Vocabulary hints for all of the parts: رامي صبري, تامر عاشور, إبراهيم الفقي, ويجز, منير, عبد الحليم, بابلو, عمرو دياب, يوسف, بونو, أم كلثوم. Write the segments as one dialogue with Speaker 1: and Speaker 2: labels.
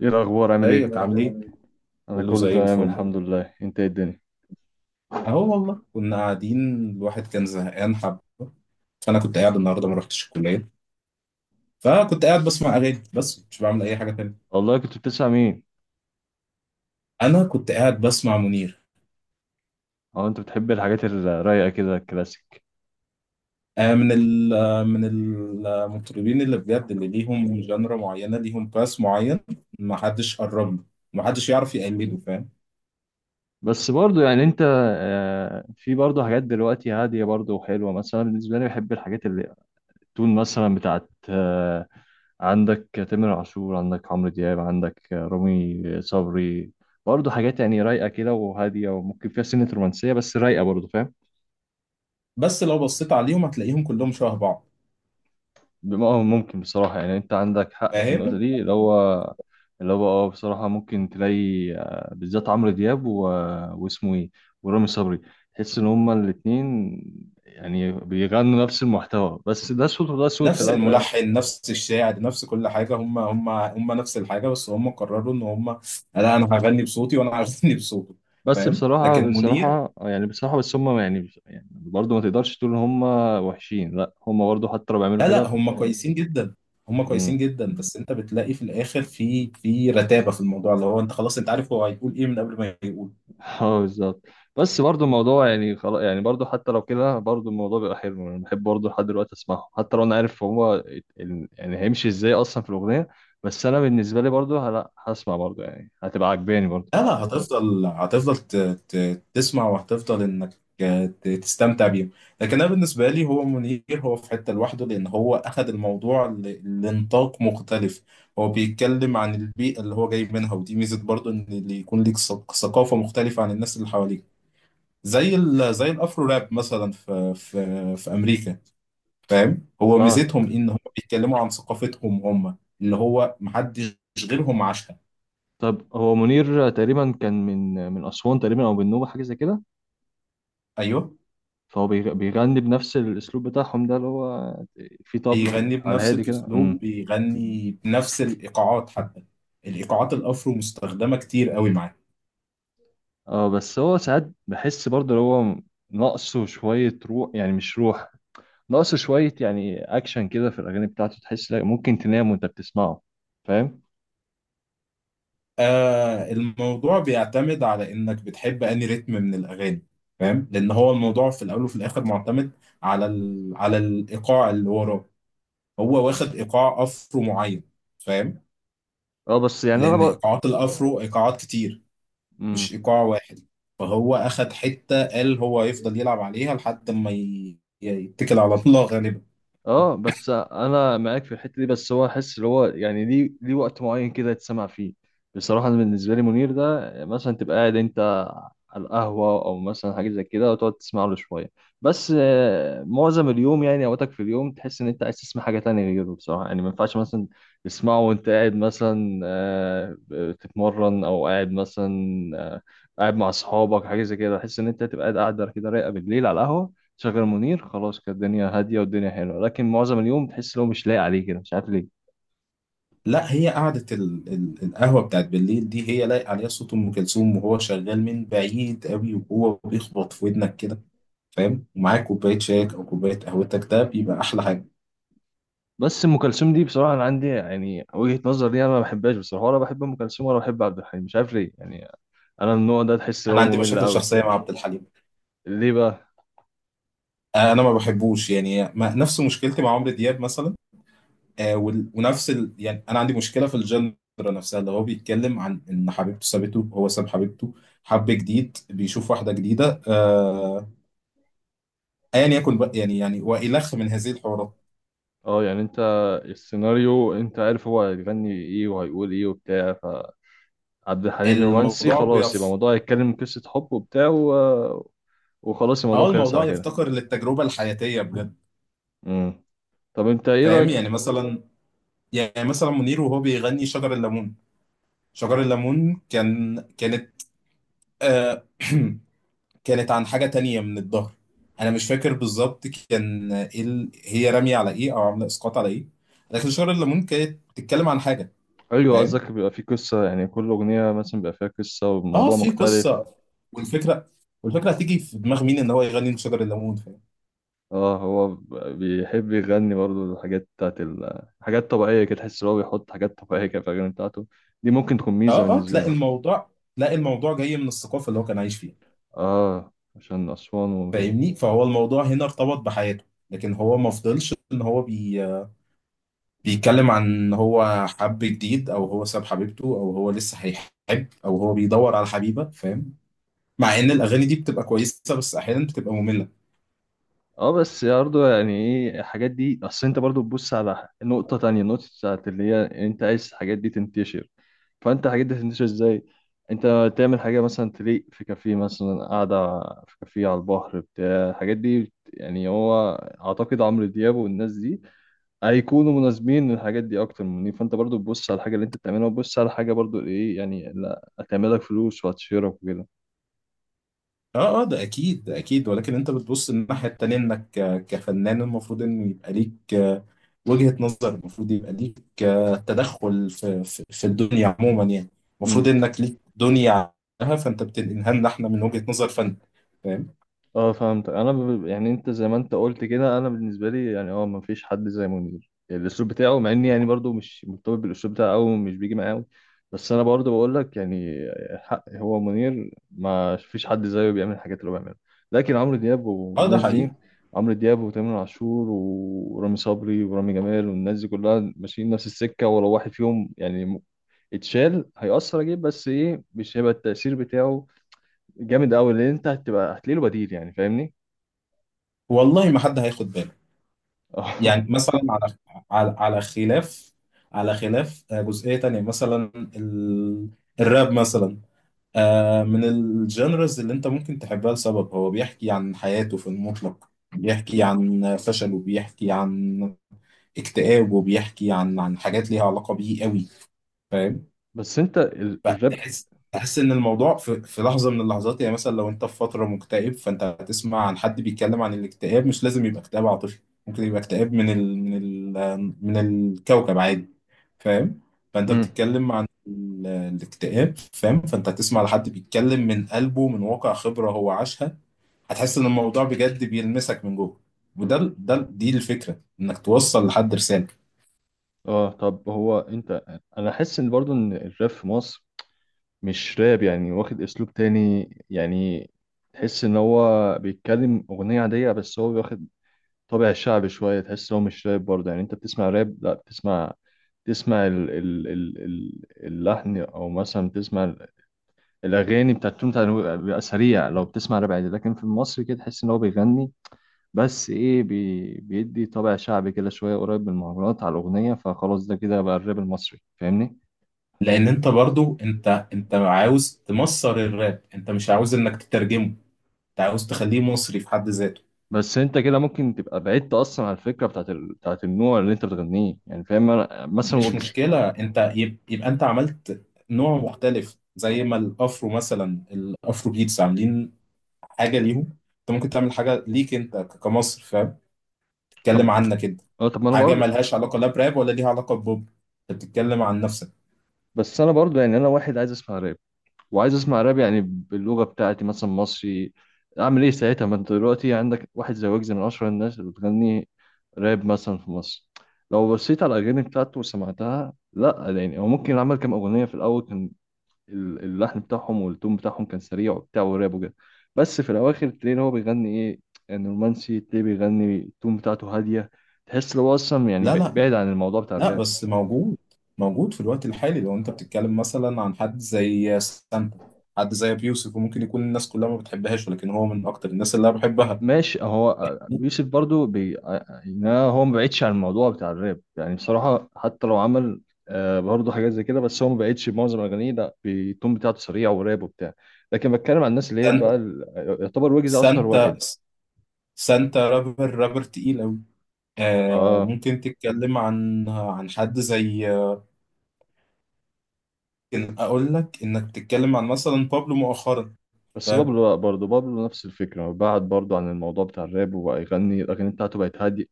Speaker 1: ايه الاخبار، عامل ايه؟
Speaker 2: ازيك عامل ايه؟
Speaker 1: انا
Speaker 2: كله
Speaker 1: كله
Speaker 2: زي
Speaker 1: تمام
Speaker 2: الفل.
Speaker 1: الحمد لله. انت ايه الدنيا؟
Speaker 2: اهو والله كنا قاعدين، الواحد كان زهقان حبه. فانا كنت قاعد النهارده ما رحتش الكليه، فكنت قاعد بسمع اغاني بس مش بعمل اي حاجه تانية.
Speaker 1: والله كنت بتسمع مين؟
Speaker 2: انا كنت قاعد بسمع منير.
Speaker 1: او انت بتحب الحاجات الرايقه كده الكلاسيك؟
Speaker 2: آه من ال آه، من المطربين اللي بجد، اللي ليهم جنرا معينه، ليهم باس معين. ما حدش قرب له، ما حدش يعرف يقلده. فاهم؟
Speaker 1: بس برضو يعني انت في برضو حاجات دلوقتي هاديه برضو وحلوه، مثلا بالنسبه لي بحب الحاجات اللي تون مثلا بتاعت عندك تامر عاشور، عندك عمرو دياب، عندك رامي صبري. برضه حاجات يعني رايقة كده وهادية، وممكن فيها سنة رومانسية بس رايقة برضه، فاهم؟
Speaker 2: بس لو بصيت عليهم هتلاقيهم كلهم شبه بعض.
Speaker 1: ممكن بصراحة يعني انت عندك حق في النقطة
Speaker 2: فاهم؟
Speaker 1: دي، اللي هو اه بصراحة ممكن تلاقي بالذات عمرو دياب و... واسمه ايه، ورامي صبري. تحس ان هما الاتنين يعني بيغنوا نفس المحتوى، بس ده صوت وده صوت في
Speaker 2: نفس
Speaker 1: الاول وفي الآخر.
Speaker 2: الملحن، نفس الشاعر، نفس كل حاجه. هم نفس الحاجه، بس هم قرروا ان هم، لا، انا هغني بصوتي وانا هغني بصوته.
Speaker 1: بس
Speaker 2: فاهم؟ لكن
Speaker 1: بصراحة
Speaker 2: منير.
Speaker 1: بصراحة يعني بصراحة بس هم يعني برضه ما تقدرش تقول ان هم وحشين، لا هم برضه حتى لو بيعملوا
Speaker 2: لا لا،
Speaker 1: كده.
Speaker 2: هم كويسين جدا. هم
Speaker 1: امم.
Speaker 2: كويسين جدا، بس انت بتلاقي في الاخر في رتابه في الموضوع، اللي هو انت خلاص انت عارف هو هيقول ايه من قبل ما يقول.
Speaker 1: اه بالظبط. بس برضه الموضوع يعني خلاص، يعني برضه حتى لو كده برضه الموضوع بيبقى حلو. انا بحب برضه لحد دلوقتي اسمعهم حتى لو انا عارف هو يعني هيمشي ازاي اصلا في الأغنية. بس انا بالنسبة لي برضه لا، هسمع برضه، يعني هتبقى عجباني برضه.
Speaker 2: لا لا، هتفضل هتفضل، تسمع، وهتفضل انك تستمتع بيهم. لكن انا بالنسبه لي، هو منير هو في حته لوحده، لان هو اخذ الموضوع لنطاق مختلف. هو بيتكلم عن البيئه اللي هو جاي منها، ودي ميزه برضو، ان اللي يكون ليك ثقافه مختلفه عن الناس اللي حواليك، زي ال زي الافرو راب مثلا في في امريكا. فاهم؟ هو
Speaker 1: اه
Speaker 2: ميزتهم ان هم بيتكلموا عن ثقافتهم هم، اللي هو محدش غيرهم عاشها.
Speaker 1: طب هو منير تقريبا كان من أسوان تقريبا او من النوبة حاجة زي كده.
Speaker 2: ايوه،
Speaker 1: فهو بيغني بنفس الاسلوب بتاعهم ده، اللي هو في
Speaker 2: بيغني
Speaker 1: طبل على
Speaker 2: بنفس
Speaker 1: هادي كده.
Speaker 2: الاسلوب،
Speaker 1: امم.
Speaker 2: بيغني بنفس الايقاعات حتى. الايقاعات الافرو مستخدمه كتير قوي معاه.
Speaker 1: اه بس هو ساعات بحس برضه اللي هو ناقصه شوية روح، يعني مش روح، ناقصه شوية يعني اكشن كده في الاغاني بتاعته. تحس لا ممكن تنام وانت بتسمعه، فاهم؟
Speaker 2: آه، الموضوع بيعتمد على انك بتحب انهي رتم من الاغاني. فاهم؟ لان هو الموضوع في الاول وفي الاخر معتمد على الايقاع اللي وراه. هو واخد ايقاع افرو معين. فاهم؟
Speaker 1: اه بس يعني انا
Speaker 2: لان ايقاعات الافرو ايقاعات كتير،
Speaker 1: بقى.
Speaker 2: مش ايقاع واحد. فهو اخد حته قال هو يفضل يلعب عليها لحد ما يتكل على الله غالبا.
Speaker 1: اه بس انا معاك في الحته دي، بس هو احس اللي هو يعني ليه وقت معين كده يتسمع فيه. بصراحه انا بالنسبه لي منير ده مثلا تبقى قاعد انت على القهوه او مثلا حاجه زي كده وتقعد تسمع له شويه. بس معظم اليوم يعني اوقاتك في اليوم تحس ان انت عايز تسمع حاجه تانية غيره. بصراحه يعني ما ينفعش مثلا تسمعه وانت قاعد مثلا بتتمرن، او قاعد مثلا آه، قاعد مع اصحابك حاجه زي كده. تحس ان انت تبقى قاعده كده رايقه بالليل على القهوه، شغل منير، خلاص كانت الدنيا هاديه والدنيا حلوه. لكن معظم اليوم تحس ان هو مش لايق عليه كده، مش عارف ليه.
Speaker 2: لا، هي قعدة القهوة بتاعت بالليل دي، هي لايق عليها صوت أم كلثوم، وهو شغال من بعيد قوي وهو بيخبط في ودنك كده. فاهم؟ ومعاك كوباية شايك أو كوباية قهوتك، ده بيبقى أحلى حاجة.
Speaker 1: بس ام كلثوم دي بصراحه انا عندي يعني وجهه نظر ليها، انا ما بحبهاش بصراحه، ولا بحب ام كلثوم ولا بحب عبد الحليم، مش عارف ليه يعني. انا من النوع ده تحس ان
Speaker 2: أنا
Speaker 1: هو
Speaker 2: عندي
Speaker 1: ممل
Speaker 2: مشاكل
Speaker 1: قوي.
Speaker 2: شخصية مع عبد الحليم.
Speaker 1: ليه بقى؟
Speaker 2: أنا ما بحبوش، يعني ما... نفس مشكلتي مع عمرو دياب مثلا. ونفس يعني أنا عندي مشكلة في الجنرا نفسها، اللي هو بيتكلم عن إن حبيبته سابته، هو ساب حبيبته، حب جديد، بيشوف واحدة جديدة، أيا يكن بقى، يعني وإلخ من هذه الحوارات.
Speaker 1: اه يعني انت السيناريو انت عارف هو هيغني ايه وهيقول ايه وبتاع. فعبد الحليم رومانسي،
Speaker 2: الموضوع
Speaker 1: خلاص يبقى
Speaker 2: بيف
Speaker 1: الموضوع يتكلم قصه حب وبتاع و... وخلاص الموضوع
Speaker 2: اه،
Speaker 1: خلص
Speaker 2: الموضوع
Speaker 1: على كده.
Speaker 2: يفتقر للتجربة الحياتية بجد.
Speaker 1: امم. طب انت ايه
Speaker 2: فاهم؟
Speaker 1: رايك؟
Speaker 2: يعني مثلا منير وهو بيغني شجر الليمون. شجر الليمون كان كانت آه كانت عن حاجة تانية من الظهر. انا مش فاكر بالظبط كان ايه، هي رامية على ايه او عاملة اسقاط على ايه، لكن شجر الليمون كانت بتتكلم عن حاجة.
Speaker 1: ايوه
Speaker 2: فاهم؟
Speaker 1: قصدك بيبقى فيه قصة، يعني كل أغنية مثلا بيبقى فيها قصة
Speaker 2: اه،
Speaker 1: وموضوع
Speaker 2: في
Speaker 1: مختلف.
Speaker 2: قصة. والفكرة والفكرة هتيجي في دماغ مين ان هو يغني شجر الليمون. فاهم؟
Speaker 1: اه هو بيحب يغني برضه الحاجات بتاعت ال... حاجات طبيعية كده. تحس إن هو بيحط حاجات طبيعية كده في الأغاني بتاعته، دي ممكن تكون ميزة
Speaker 2: اه اه،
Speaker 1: بالنسبة
Speaker 2: تلاقي
Speaker 1: له.
Speaker 2: الموضوع تلاقي الموضوع جاي من الثقافة اللي هو كان عايش فيها.
Speaker 1: اه عشان أسوان وكده.
Speaker 2: فاهمني؟ فهو الموضوع هنا ارتبط بحياته، لكن هو ما فضلش ان هو بيتكلم عن ان هو حب جديد او هو ساب حبيبته او هو لسه هيحب او هو بيدور على حبيبه. فاهم؟ مع ان الاغاني دي بتبقى كويسه، بس احيانا بتبقى ممله.
Speaker 1: اه بس برضه يعني ايه الحاجات دي؟ أصل أنت برضه تبص على نقطة تانية، النقطة بتاعت اللي هي أنت عايز الحاجات دي تنتشر. فانت الحاجات دي هتنتشر ازاي؟ انت تعمل حاجه مثلا تليق في كافيه مثلا قاعده، في كافيه على البحر بتاع. الحاجات دي يعني هو اعتقد عمرو دياب والناس دي هيكونوا مناسبين للحاجات دي اكتر مني. فانت برضو تبص على الحاجه اللي انت بتعملها، وتبص على حاجه برضو ايه يعني، لا هتعملك فلوس وهتشهرك وكده.
Speaker 2: اه اه، ده اكيد ده اكيد، ولكن انت بتبص الناحيه التانيه، انك كفنان المفروض ان يبقى ليك وجهة نظر، المفروض يبقى ليك تدخل في في الدنيا عموما، يعني. المفروض
Speaker 1: امم.
Speaker 2: انك ليك دنيا عنها، فانت بتنقلها لنا احنا من وجهة نظر فن. فاهم؟
Speaker 1: اه فهمت. انا ب... يعني انت زي ما انت قلت كده، انا بالنسبه لي يعني اه ما فيش حد زي منير يعني الاسلوب بتاعه، مع اني يعني برضو مش مرتبط بالاسلوب بتاعه او مش بيجي معاه أوي. بس انا برضو بقول لك يعني حق، هو منير ما فيش حد زيه بيعمل الحاجات اللي هو بيعملها. لكن عمرو دياب
Speaker 2: اه، ده
Speaker 1: والناس
Speaker 2: حقيقي.
Speaker 1: دي، عمرو دياب وتامر عاشور ورامي صبري ورامي جمال والناس دي كلها ماشيين نفس السكه، ولو واحد فيهم يعني اتشال هيأثر اجيب، بس ايه مش هيبقى التأثير بتاعه جامد قوي، لان انت هتبقى هتلاقي له بديل يعني، فاهمني؟
Speaker 2: والله ما حد هياخد باله.
Speaker 1: آه.
Speaker 2: يعني مثلا على على خلاف على خلاف جزئية تانية مثلا، ال... الراب مثلا. من الجانرز اللي انت ممكن تحبها لسبب، هو بيحكي عن حياته في المطلق، بيحكي عن فشله، بيحكي عن اكتئابه، بيحكي عن حاجات ليها علاقة بيه قوي. فاهم؟
Speaker 1: بس انت الراب.
Speaker 2: فتحس ان الموضوع في لحظه من اللحظات. يعني مثلا لو انت في فتره مكتئب، فانت هتسمع عن حد بيتكلم عن الاكتئاب. مش لازم يبقى اكتئاب عاطفي، ممكن يبقى اكتئاب من الكوكب عادي. فاهم؟ فانت
Speaker 1: مم.
Speaker 2: بتتكلم عن الاكتئاب. فاهم؟ فانت هتسمع لحد بيتكلم من قلبه، من واقع خبره هو عاشها. هتحس ان الموضوع بجد بيلمسك من جوه، وده ال- ده ال- دي الفكره، انك توصل لحد رساله.
Speaker 1: اه طب هو انت انا احس ان برضو ان الراب في مصر مش راب، يعني واخد اسلوب تاني يعني. تحس ان هو بيتكلم اغنية عادية بس هو واخد طابع شعبي شوية. تحس ان هو مش راب برضه، يعني انت بتسمع راب لا بتسمع، تسمع اللحن، او مثلا بتسمع الاغاني بتاعتهم بيبقى سريع لو بتسمع راب عادي، لكن في مصر كده تحس ان هو بيغني، بس ايه بي... بيدي طابع شعبي كده شويه قريب من المهرجانات على الاغنيه، فخلاص ده كده بقى الراب المصري، فاهمني؟
Speaker 2: لان انت برضو، انت عاوز تمصر الراب، انت مش عاوز انك تترجمه، انت عاوز تخليه مصري في حد ذاته.
Speaker 1: بس انت كده ممكن تبقى بعدت اصلا عن الفكره بتاعت ال... بتاعت النوع اللي انت بتغنيه يعني، فاهم؟ أنا مثلا
Speaker 2: مش
Speaker 1: ويجز.
Speaker 2: مشكلة، انت يبقى انت عملت نوع مختلف، زي ما الافرو مثلا، الافرو بيتس عاملين حاجة ليهم، انت ممكن تعمل حاجة ليك انت كمصر. فاهم؟ تتكلم
Speaker 1: طب
Speaker 2: عنك انت،
Speaker 1: اه طب ما انا
Speaker 2: حاجة
Speaker 1: برضه.
Speaker 2: ملهاش علاقة لا براب ولا ليها علاقة ببوب، انت بتتكلم عن نفسك.
Speaker 1: بس انا برضه يعني انا واحد عايز اسمع راب، وعايز اسمع راب يعني باللغه بتاعتي مثلا مصري، اعمل ايه ساعتها؟ ما انت دلوقتي عندك واحد زي ويجز من اشهر الناس اللي بتغني راب مثلا في مصر. لو بصيت على الاغاني بتاعته وسمعتها، لا يعني هو ممكن عمل كام اغنيه في الاول كان اللحن بتاعهم والتون بتاعهم كان سريع وبتاع والراب وكده. بس في الاواخر تلاقي ان هو بيغني ايه، يعني رومانسي، تلاقيه بيغني التون بتاعته هاديه، تحس ان هو اصلا يعني
Speaker 2: لا لا
Speaker 1: بعيد عن الموضوع بتاع
Speaker 2: لا،
Speaker 1: الراب.
Speaker 2: بس موجود في الوقت الحالي. لو انت بتتكلم مثلا عن حد زي سانتا، حد زي ابي يوسف، وممكن يكون الناس كلها ما بتحبهاش ولكن هو من اكتر الناس اللي انا بحبها.
Speaker 1: ماشي هو يوسف برضو بي... يعني هو ما بعيدش عن الموضوع بتاع الراب يعني بصراحه، حتى لو عمل برضه حاجات زي كده بس هو ما بعيدش، معظم اغانيه لا التون بتاعته سريع وراب وبتاع. لكن بتكلم عن الناس اللي هي بقى
Speaker 2: سانتا.
Speaker 1: ال-، يعتبر ويجز اشهر
Speaker 2: سانتا
Speaker 1: واحد.
Speaker 2: سانتا، رابر، رابر تقيل أوي. آه،
Speaker 1: اه
Speaker 2: ممكن تتكلم عن حد زي، ممكن أقول لك إنك تتكلم عن مثلا بابلو مؤخرا.
Speaker 1: بس
Speaker 2: فاهم؟
Speaker 1: بابلو لأ، برضه بابلو نفس الفكرة، بعد برضه عن الموضوع بتاع الراب وبقى يغني الأغاني بتاعته بقت هادية.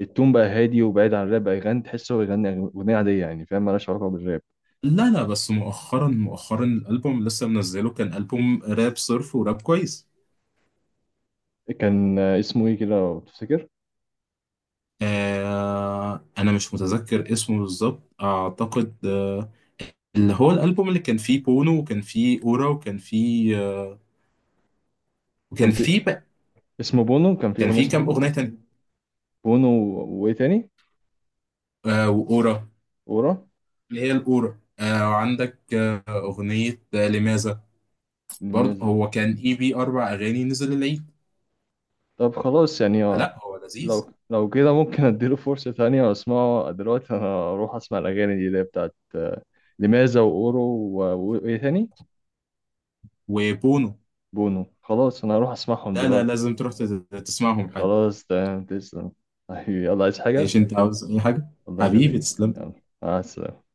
Speaker 1: التون بقى هادي وبعيد عن الراب، بقى يغني تحسه هو بيغني أغنية عادية يعني، فاهم؟ مالهاش علاقة بالراب.
Speaker 2: لا لا، بس مؤخرا مؤخرا، الألبوم اللي لسه منزله كان ألبوم راب صرف وراب كويس.
Speaker 1: كان اسمه إيه كده لو تفتكر؟
Speaker 2: أنا مش متذكر اسمه بالظبط، أعتقد اللي هو الألبوم اللي كان فيه بونو، وكان فيه أورا، وكان فيه وكان
Speaker 1: كان في
Speaker 2: فيه بقى.
Speaker 1: اسمه بونو، كان في
Speaker 2: كان
Speaker 1: أغنية
Speaker 2: فيه كام
Speaker 1: اسمه
Speaker 2: أغنية تانية؟
Speaker 1: بونو و- وإيه تاني؟
Speaker 2: وأورا،
Speaker 1: ورا،
Speaker 2: اللي هي الأورا. وعندك أغنية لماذا. برضه
Speaker 1: نماذج.
Speaker 2: هو كان EP أربع أغاني نزل العيد.
Speaker 1: طب خلاص يعني
Speaker 2: لا، هو لذيذ.
Speaker 1: لو كده ممكن أديله فرصة تانية وأسمعه دلوقتي. أنا أروح أسمع الأغاني دي اللي هي بتاعت لماذا وأورو و- وإيه تاني؟
Speaker 2: وبونو.
Speaker 1: بونو، خلاص أنا هروح أسمعهم
Speaker 2: لا لا،
Speaker 1: دلوقتي.
Speaker 2: لازم تروح تسمعهم حاجة.
Speaker 1: خلاص تمام تسلم. حبيبي يلا، عايز حاجة؟
Speaker 2: ايش انت عاوز اي حاجة؟
Speaker 1: الله
Speaker 2: حبيبي
Speaker 1: يخليك.
Speaker 2: تسلم.
Speaker 1: يلا، مع السلامة.